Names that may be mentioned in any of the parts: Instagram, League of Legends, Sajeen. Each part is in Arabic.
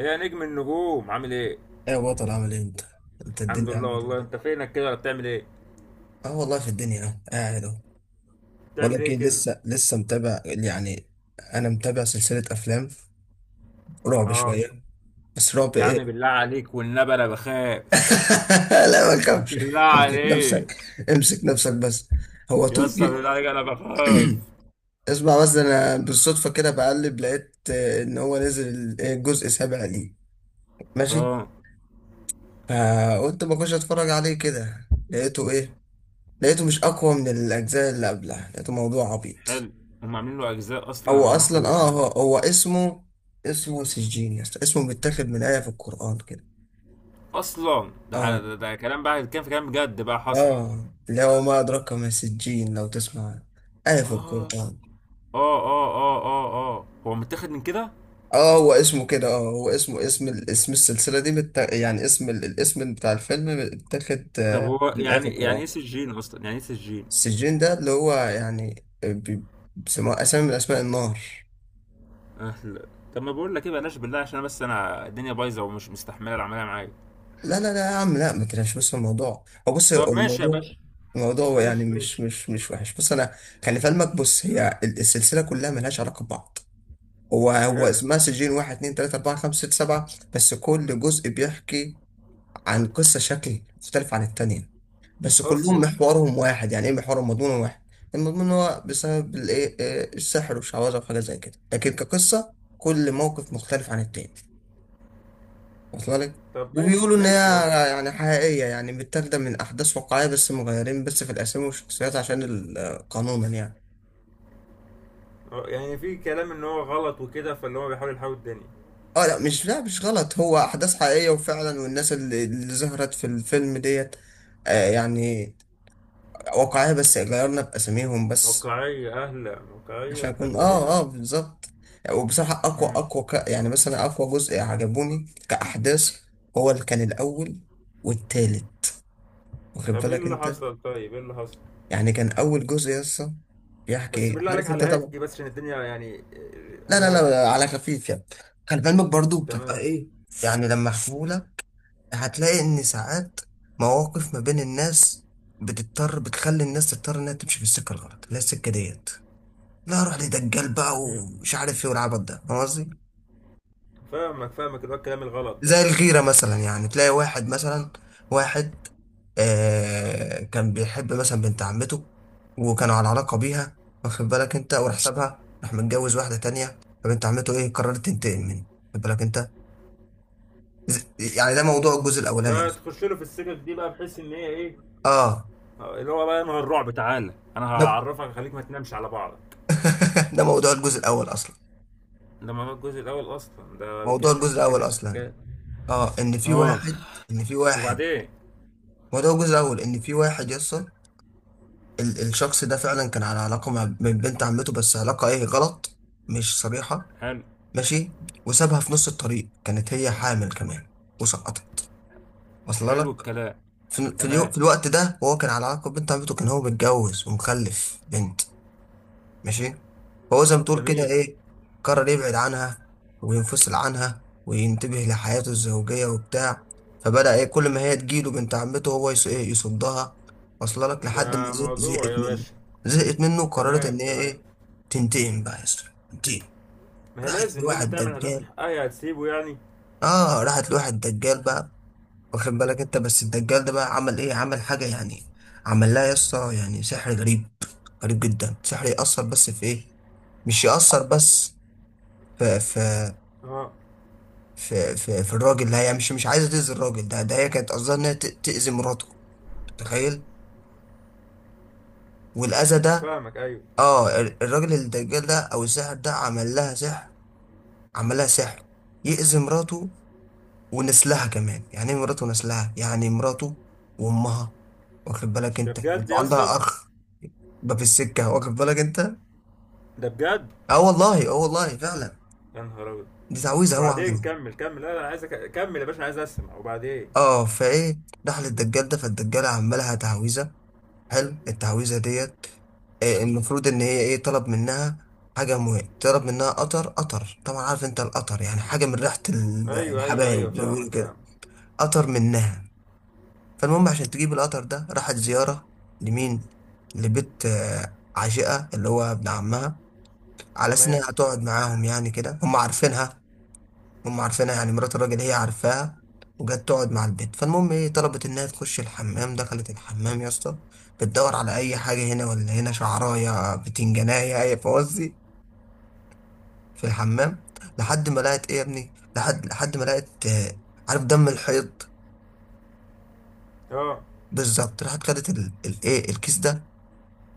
ايه يا نجم النجوم عامل ايه؟ ايه يا بطل عامل ايه انت؟ انت الحمد الدنيا لله، عامل والله ايه؟ انت فينك كده ولا بتعمل ايه؟ اه والله في الدنيا اهو قاعد اهو. بقول بتعمل لك ايه ايه، كده؟ لسه متابع يعني. انا متابع سلسلة افلام رعب اه. شوية. بس رعب يا عم ايه؟ بالله عليك والنبي انا بخاف. لا ما تخافش. بالله امسك عليك. نفسك، امسك نفسك بس. هو يا اسطى تركي. بالله عليك انا بخاف. اسمع بس، انا بالصدفة كده بقلب لقيت ان هو نزل الجزء السابع ليه. ماشي؟ اه. فقلت ما اخش اتفرج عليه كده لقيته ايه؟ لقيته مش اقوى من الاجزاء اللي قبلها، لقيته موضوع عبيط. حلو. هم عاملين له اجزاء اصلا؟ هو اللهم اصلا صل على اه هو, النبي. هو اسمه، اسمه سجين يا اسطى. اسمه متاخد من آية في القرآن كده. اصلا ده اه، ده كلام بقى، كان في كلام بجد بقى حصل. اه اللي هو ما أدراك ما سجين لو تسمع، آية في اه القرآن. اه اه اه اه. اه، هو متاخد من كده. اه هو اسمه كده، اه هو اسمه اسم السلسلة دي يعني الاسم بتاع الفيلم متاخد طب هو من آية في يعني، يعني القرآن. ايه سجين اصلا يعني ايه سجين؟ السجين ده اللي هو يعني بيسموه أسامي من أسماء النار. أهلا. طب ما بقول لك ايه، بلاش بالله، عشان بس انا الدنيا بايظه ومش مستحمله العمليه معايا. لا لا لا يا عم، لا ما تلاش، بس الموضوع هو، بص هو طب ماشي يا الموضوع، باشا. الموضوع يعني ماشي مش ماشي. مش مش وحش. بص انا، خلي في علمك، بص السلسله كلها ملهاش علاقه ببعض. هو حلو. اسمها سجين، واحد اتنين تلاته اربعه خمسه سته سبعه. بس كل جزء بيحكي عن قصه شكل مختلف عن التانيه، بس كلهم اصله. محورهم واحد. يعني ايه محورهم؟ مضمون واحد. المضمون هو بسبب الايه آه، السحر والشعوذه وحاجات زي كده، لكن كقصه كل موقف مختلف عن التاني. واصله لك. طب ماشي وبيقولوا ان هي ماشي يا أخي. يعني حقيقيه، يعني متاخده من احداث واقعيه، بس مغيرين بس في الاسامي والشخصيات عشان قانونا يعني. أه، يعني في كلام ان هو غلط وكده، فاللي هو بيحاول يحاول الدنيا. اه لا، مش، لا مش غلط، هو احداث حقيقيه وفعلا، والناس اللي ظهرت في الفيلم ديت يعني واقعيه، بس غيرنا باساميهم بس واقعية، اهلا، واقعية، عشان احنا يكون ابتدينا. اه بالظبط. وبصراحه امم يعني مثلا اقوى جزء عجبوني كاحداث هو اللي كان الاول والتالت، واخد طب ايه بالك اللي انت. حصل؟ طيب ايه اللي حصل؟ يعني كان اول جزء يسطا بيحكي بس ايه، بالله عليك عارف انت على طبعا. الهادي، بس عشان الدنيا يعني، لا على الهادي. لا لا، على خفيف يعني. خلي بالك برضو بتبقى تمام. ايه يعني لما احكيهولك. هتلاقي ان ساعات مواقف ما بين الناس بتضطر، بتخلي الناس تضطر انها تمشي في السكه الغلط اللي هي السكه ديت. لا روح لدجال بقى، امم ومش عارف ايه والعبط ده، فاهم قصدي؟ فاهمك فاهمك، اللي هو الكلام الغلط ده. زي الغيرة مثلا، يعني تلاقي واحد مثلا، واحد آه كان بيحب مثلا بنت عمته، وكانوا على علاقة بيها واخد بالك انت، وراح سابها، راح متجوز واحدة تانية، فبنت عمته ايه؟ قررت تنتقم منه، واخد بالك انت. ز- يعني ده موضوع الجزء الأولاني أصلا. فتخش له في السكك دي بقى بحيث ان هي ايه؟ اه اللي هو بقى نوع الرعب، تعالى انا ده هعرفك خليك ما تنامش على بعضك. ده موضوع الجزء الأول أصلا. ده ما هو الجزء الاول اصلا، ده موضوع الكنز دي الجزء الأول بتتكلم في أصلا، حكايات. اه إن في اخ. واحد، إن في واحد، وبعدين؟ موضوع الجزء الأول إن في واحد يصل. الشخص ده فعلا كان على علاقة مع من بنت عمته، بس علاقة ايه؟ غلط، مش صريحة. حلو. ماشي. وسابها في نص الطريق، كانت هي حامل كمان، وسقطت. وصل حلو لك؟ الكلام. تمام. في الوقت ده وهو كان على علاقة ببنت عمته، كان هو متجوز ومخلف بنت. ماشي. فهو زي ما تقول كده جميل. ايه، قرر يبعد عنها، وينفصل عنها وينتبه لحياته الزوجية وبتاع. فبدأ ايه، كل ما هي تجيله بنت عمته هو يص- إيه يصدها. وصل لك. لحد ما ده موضوع زهقت يا منه، باشا. زهقت منه وقررت تمام ان هي تمام. ايه، تنتقم بقى يا اسطى، تنتقم. ما هي راحت لازم لازم لواحد تعمل، هتاخد دجال. حقها يا هتسيبه يعني؟ اه راحت لواحد دجال بقى، واخد بالك انت. بس الدجال ده بقى عمل ايه؟ عمل حاجه يعني، عمل لها يا اسطى يعني سحر غريب، غريب جدا. سحر يأثر بس في ايه؟ مش يأثر بس في في اه. في الراجل ده، هي مش عايزه تأذي الراجل ده. ده هي كانت قصدها انها تأذي مراته. تخيل. والأذى ده، فاهمك، ايوه. اه الراجل الدجال ده او الساحر ده عمل لها سحر، عمل لها سحر يأذي مراته ونسلها كمان. يعني ايه مراته ونسلها؟ يعني مراته وامها، واخد بالك ده انت، بجد يا اسطى. وعندها اخ. بقى في السكه واخد بالك انت. ده بجد. اه والله، اه والله فعلا. يا نهار ابيض. دي تعويذه هو عملها. وبعدين كمل كمل، لا انا عايز كمل يا باشا أنا عايز اسمع، وبعدين؟ اه فايه دخل الدجال ده، فالدجال عمل لها تعويذه، حلو. التعويذه ديت المفروض ان هي ايه، طلب منها حاجه مهمه، طلب منها قطر. قطر طبعا عارف انت، القطر يعني حاجه من ريحه ايوه ايوه ايوه، الحبايب زي ما فاهمك بيقولوا فاهمك. كده. قطر منها. فالمهم عشان تجيب القطر ده راحت زياره لمين؟ لبيت عشيقه اللي هو ابن عمها، على اساس تمام. انها هتقعد معاهم يعني كده، هم عارفينها. هم عارفينها يعني مرات الراجل هي عارفاها. وجت تقعد مع البيت، فالمهم ايه، طلبت انها تخش الحمام. دخلت الحمام يا اسطى بتدور على اي حاجه، هنا ولا هنا، شعرايه بتنجانيه اي فوزي في الحمام، لحد ما لقت ايه يا ابني، لحد ما لقت عارف دم الحيض. اه. بالظبط. راحت خدت ال- الايه الكيس ده،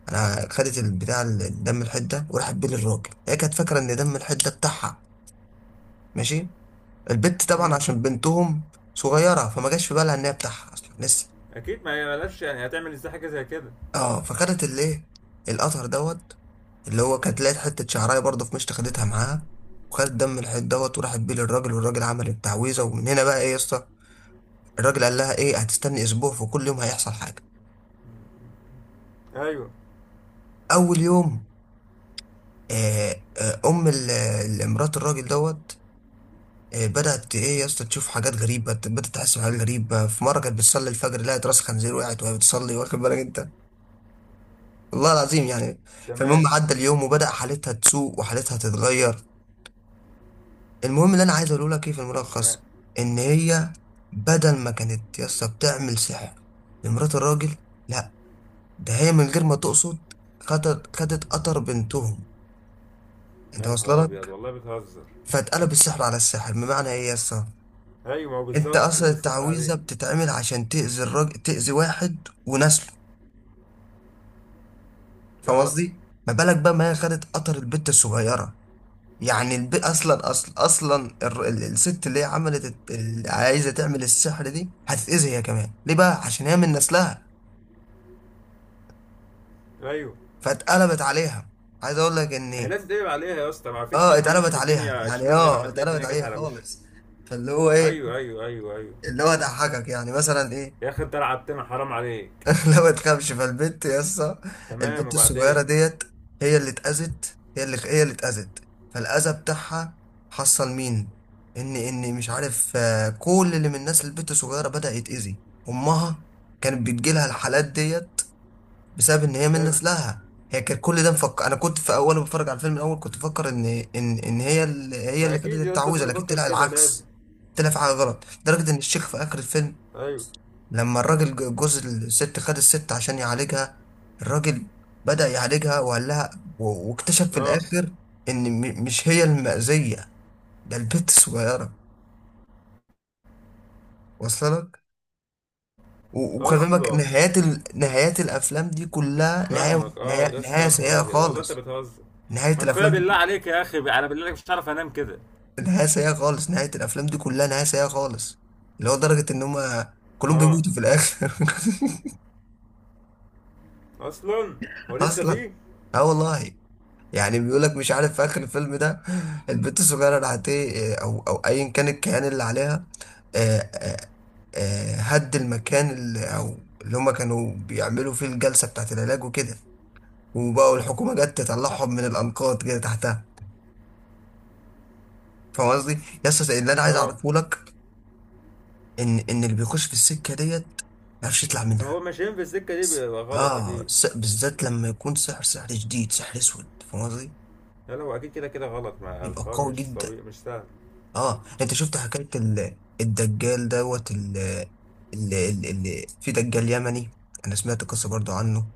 انا خدت دم الحيض ده، وراحت بيه للراجل. هي كانت فاكره ان دم الحيض ده بتاعها، ماشي؟ البت طبعا امم عشان بنتهم صغيره فما جاش في بالها ان هي بتاعها اصلا لسه. اكيد، ما هي بلاش يعني، هتعمل ازاي حاجه زي كده. اه فخدت الايه، القطر دوت، اللي هو كانت لقيت حته شعرايه برضه في مشط خدتها معاها، وخدت دم الحيط دوت وراحت بيه للراجل، والراجل عمل التعويذه. ومن هنا بقى ايه يا اسطى، الراجل قال لها ايه، هتستني اسبوع وكل يوم هيحصل حاجه. ايوه. اول يوم، مرات الراجل دوت بدات ايه يا اسطى تشوف حاجات غريبه، بدات تحس بحاجات غريبه. في مره كانت بتصلي الفجر لقت راس خنزير، وقعت وهي بتصلي، واخد بالك انت، والله العظيم يعني. فالمهم تمام عدى اليوم وبدأ حالتها تسوء وحالتها تتغير. المهم اللي انا عايز اقوله لك ايه، في تمام. الملخص، ان هي بدل ما كانت يسا بتعمل سحر لمرات الراجل، لا، ده هي من غير ما تقصد خدت قطر بنتهم. انت يا نهار واصله ابيض، لك. والله بتهزر. فاتقلب السحر على السحر، بمعنى ايه يسا، ايوه، ما هو انت بالظبط اصلا تقلب السحر التعويذه عليه. بتتعمل عشان تاذي الراجل، تاذي واحد ونسله، فاهم اه. قصدي؟ ما بالك بقى ما هي خدت قطر البت الصغيره. يعني الب... اصلا اصلا اصلا الر- ال- الست اللي هي عملت اللي عايزه تعمل السحر دي هتتاذي هي كمان. ليه بقى؟ عشان هي من نسلها، ايوه، فاتقلبت عليها. عايز اقول لك هي ان لازم تقلب عليها يا اسطى، ما فيش اه حد بيمشي اتقلبت في عليها، الدنيا يعني شمال غير اه لما تلاقي اتقلبت الدنيا جت عليها على وشه. خالص. فاللي هو ايه، ايوه ايوه ايوه ايوه. اللي هو ضحكك يعني مثلا ايه. يا اخي انت لعبتنا، حرام عليك. لا ما تخافش. فالبنت يا اسطى، تمام، البنت الصغيره وبعدين؟ ديت هي اللي اتاذت، هي اللي اتاذت. فالاذى بتاعها حصل مين، ان مش عارف كل اللي من الناس البنت الصغيره بدا يتاذي. امها كانت بتجيلها الحالات ديت بسبب ان هي من حلو. نسلها. هي كانت كل ده مفكر، انا كنت في اول بتفرج على الفيلم الاول كنت بفكر ان هي اللي هي ما اللي خدت اكيد يا اسطى لازم التعويذه، لكن تفكر طلع كده، لازم. العكس. طلع في حاجه غلط لدرجه ان الشيخ في اخر الفيلم، ايوه. لما الراجل جوز الست خد الست عشان يعالجها، الراجل بدأ يعالجها وقال لها، واكتشف في اه. الآخر إن مش هي المأذية، ده البت الصغيرة. واصلة لك. وخلي بالك اصلا. نهايات نهايات الأفلام دي كلها فاهمك، اه يا اسطى، نهاية يا نهار سيئة ابيض والله انت خالص. بتهزر. نهاية ما كفايه الأفلام دي بالله عليك يا اخي، انا بالله عليك مش عارف انام كده. نهاية سيئة خالص. نهاية الأفلام دي كلها نهاية سيئة خالص، اللي هو درجة إن هما كلهم اه. بيموتوا في الآخر. اصلا. هو لسه أصلا. فيه؟ اه والله. يعني بيقول لك مش عارف في اخر الفيلم ده البنت الصغيره راحت ايه، او ايا كان الكيان اللي عليها، آه، آه، هد المكان اللي او اللي هم كانوا بيعملوا فيه الجلسه بتاعت العلاج وكده، وبقوا الحكومه جت تطلعهم من الانقاض كده تحتها. فاهم قصدي؟ يس اللي انا عايز اه. اعرفه لك ان اللي بيخش في السكه ديت ما يعرفش يطلع هو منها. ماشيين في السكه دي بيبقى غلط اه اكيد. بالذات لما يكون سحر سحر شديد سحر اسود، فاهم قصدي؟ لا لا، هو اكيد كده كده غلط، ما يبقى الحوار قوي مش جدا. طبيعي مش سهل. اه انت شفت حكاية الدجال دوت، في دجال يمني. انا سمعت قصة برضو عنه،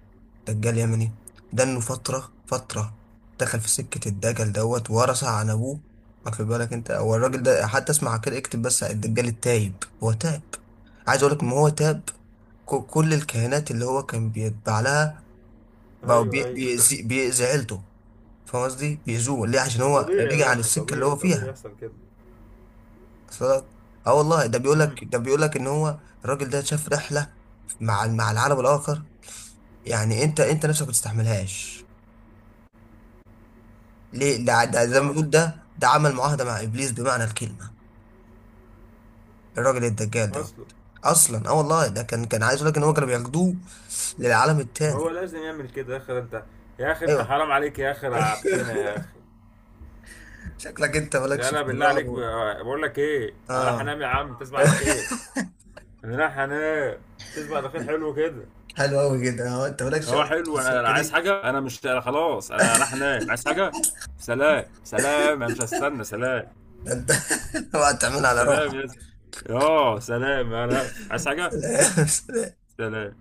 دجال يمني، ده انه فترة دخل في سكة الدجال دوت ورثها عن ابوه، واخد بالك انت. هو الراجل ده حتى اسمع كده اكتب بس، على الدجال التايب هو تاب. عايز اقول لك ان هو تاب. كل الكهنات اللي هو كان بيتبع لها بقوا ايوه ايوه. بيأذي عيلته. فاهم قصدي؟ بيأذوه ليه؟ عشان ما هو طبيعي يا رجع عن باشا، السكة اللي هو طبيعي طبيعي فيها. يحصل كده. صدق. اه والله، امم ده بيقول لك ان هو الراجل ده شاف رحله مع مع العالم الاخر. يعني انت، انت نفسك ما تستحملهاش ليه، ده زي ما اه. بيقول، ده عمل معاهده مع ابليس بمعنى الكلمه، الراجل الدجال ده. اصلا. اصلا اه والله، ده كان كان عايز يقول لك ان هو كانوا بياخدوه للعالم ما هو التاني. لازم يعمل كده يا اخي انت. يا اخي انت ايوه. حرام عليك يا اخي، رعبتنا يا اخي. شكلك انت لا مالكش لا، في بالله الرعب عليك، بقول لك ايه، انا راح اه انام يا عم، تصبح على خير. لا هنام. تصبح على خير، حلو كده. حلو قوي كده. اه انت مالكش اه اصلا في حلو، انا السكه عايز دي. حاجه، انا مش أنا خلاص انا راح انام، عايز حاجه. سلام سلام، انا مش هستنى، سلام. ده انت اوعى تعملها على سلام روحك. يا زلمة. اه سلام، انا هقفل. عايز حاجه. سلام. سلام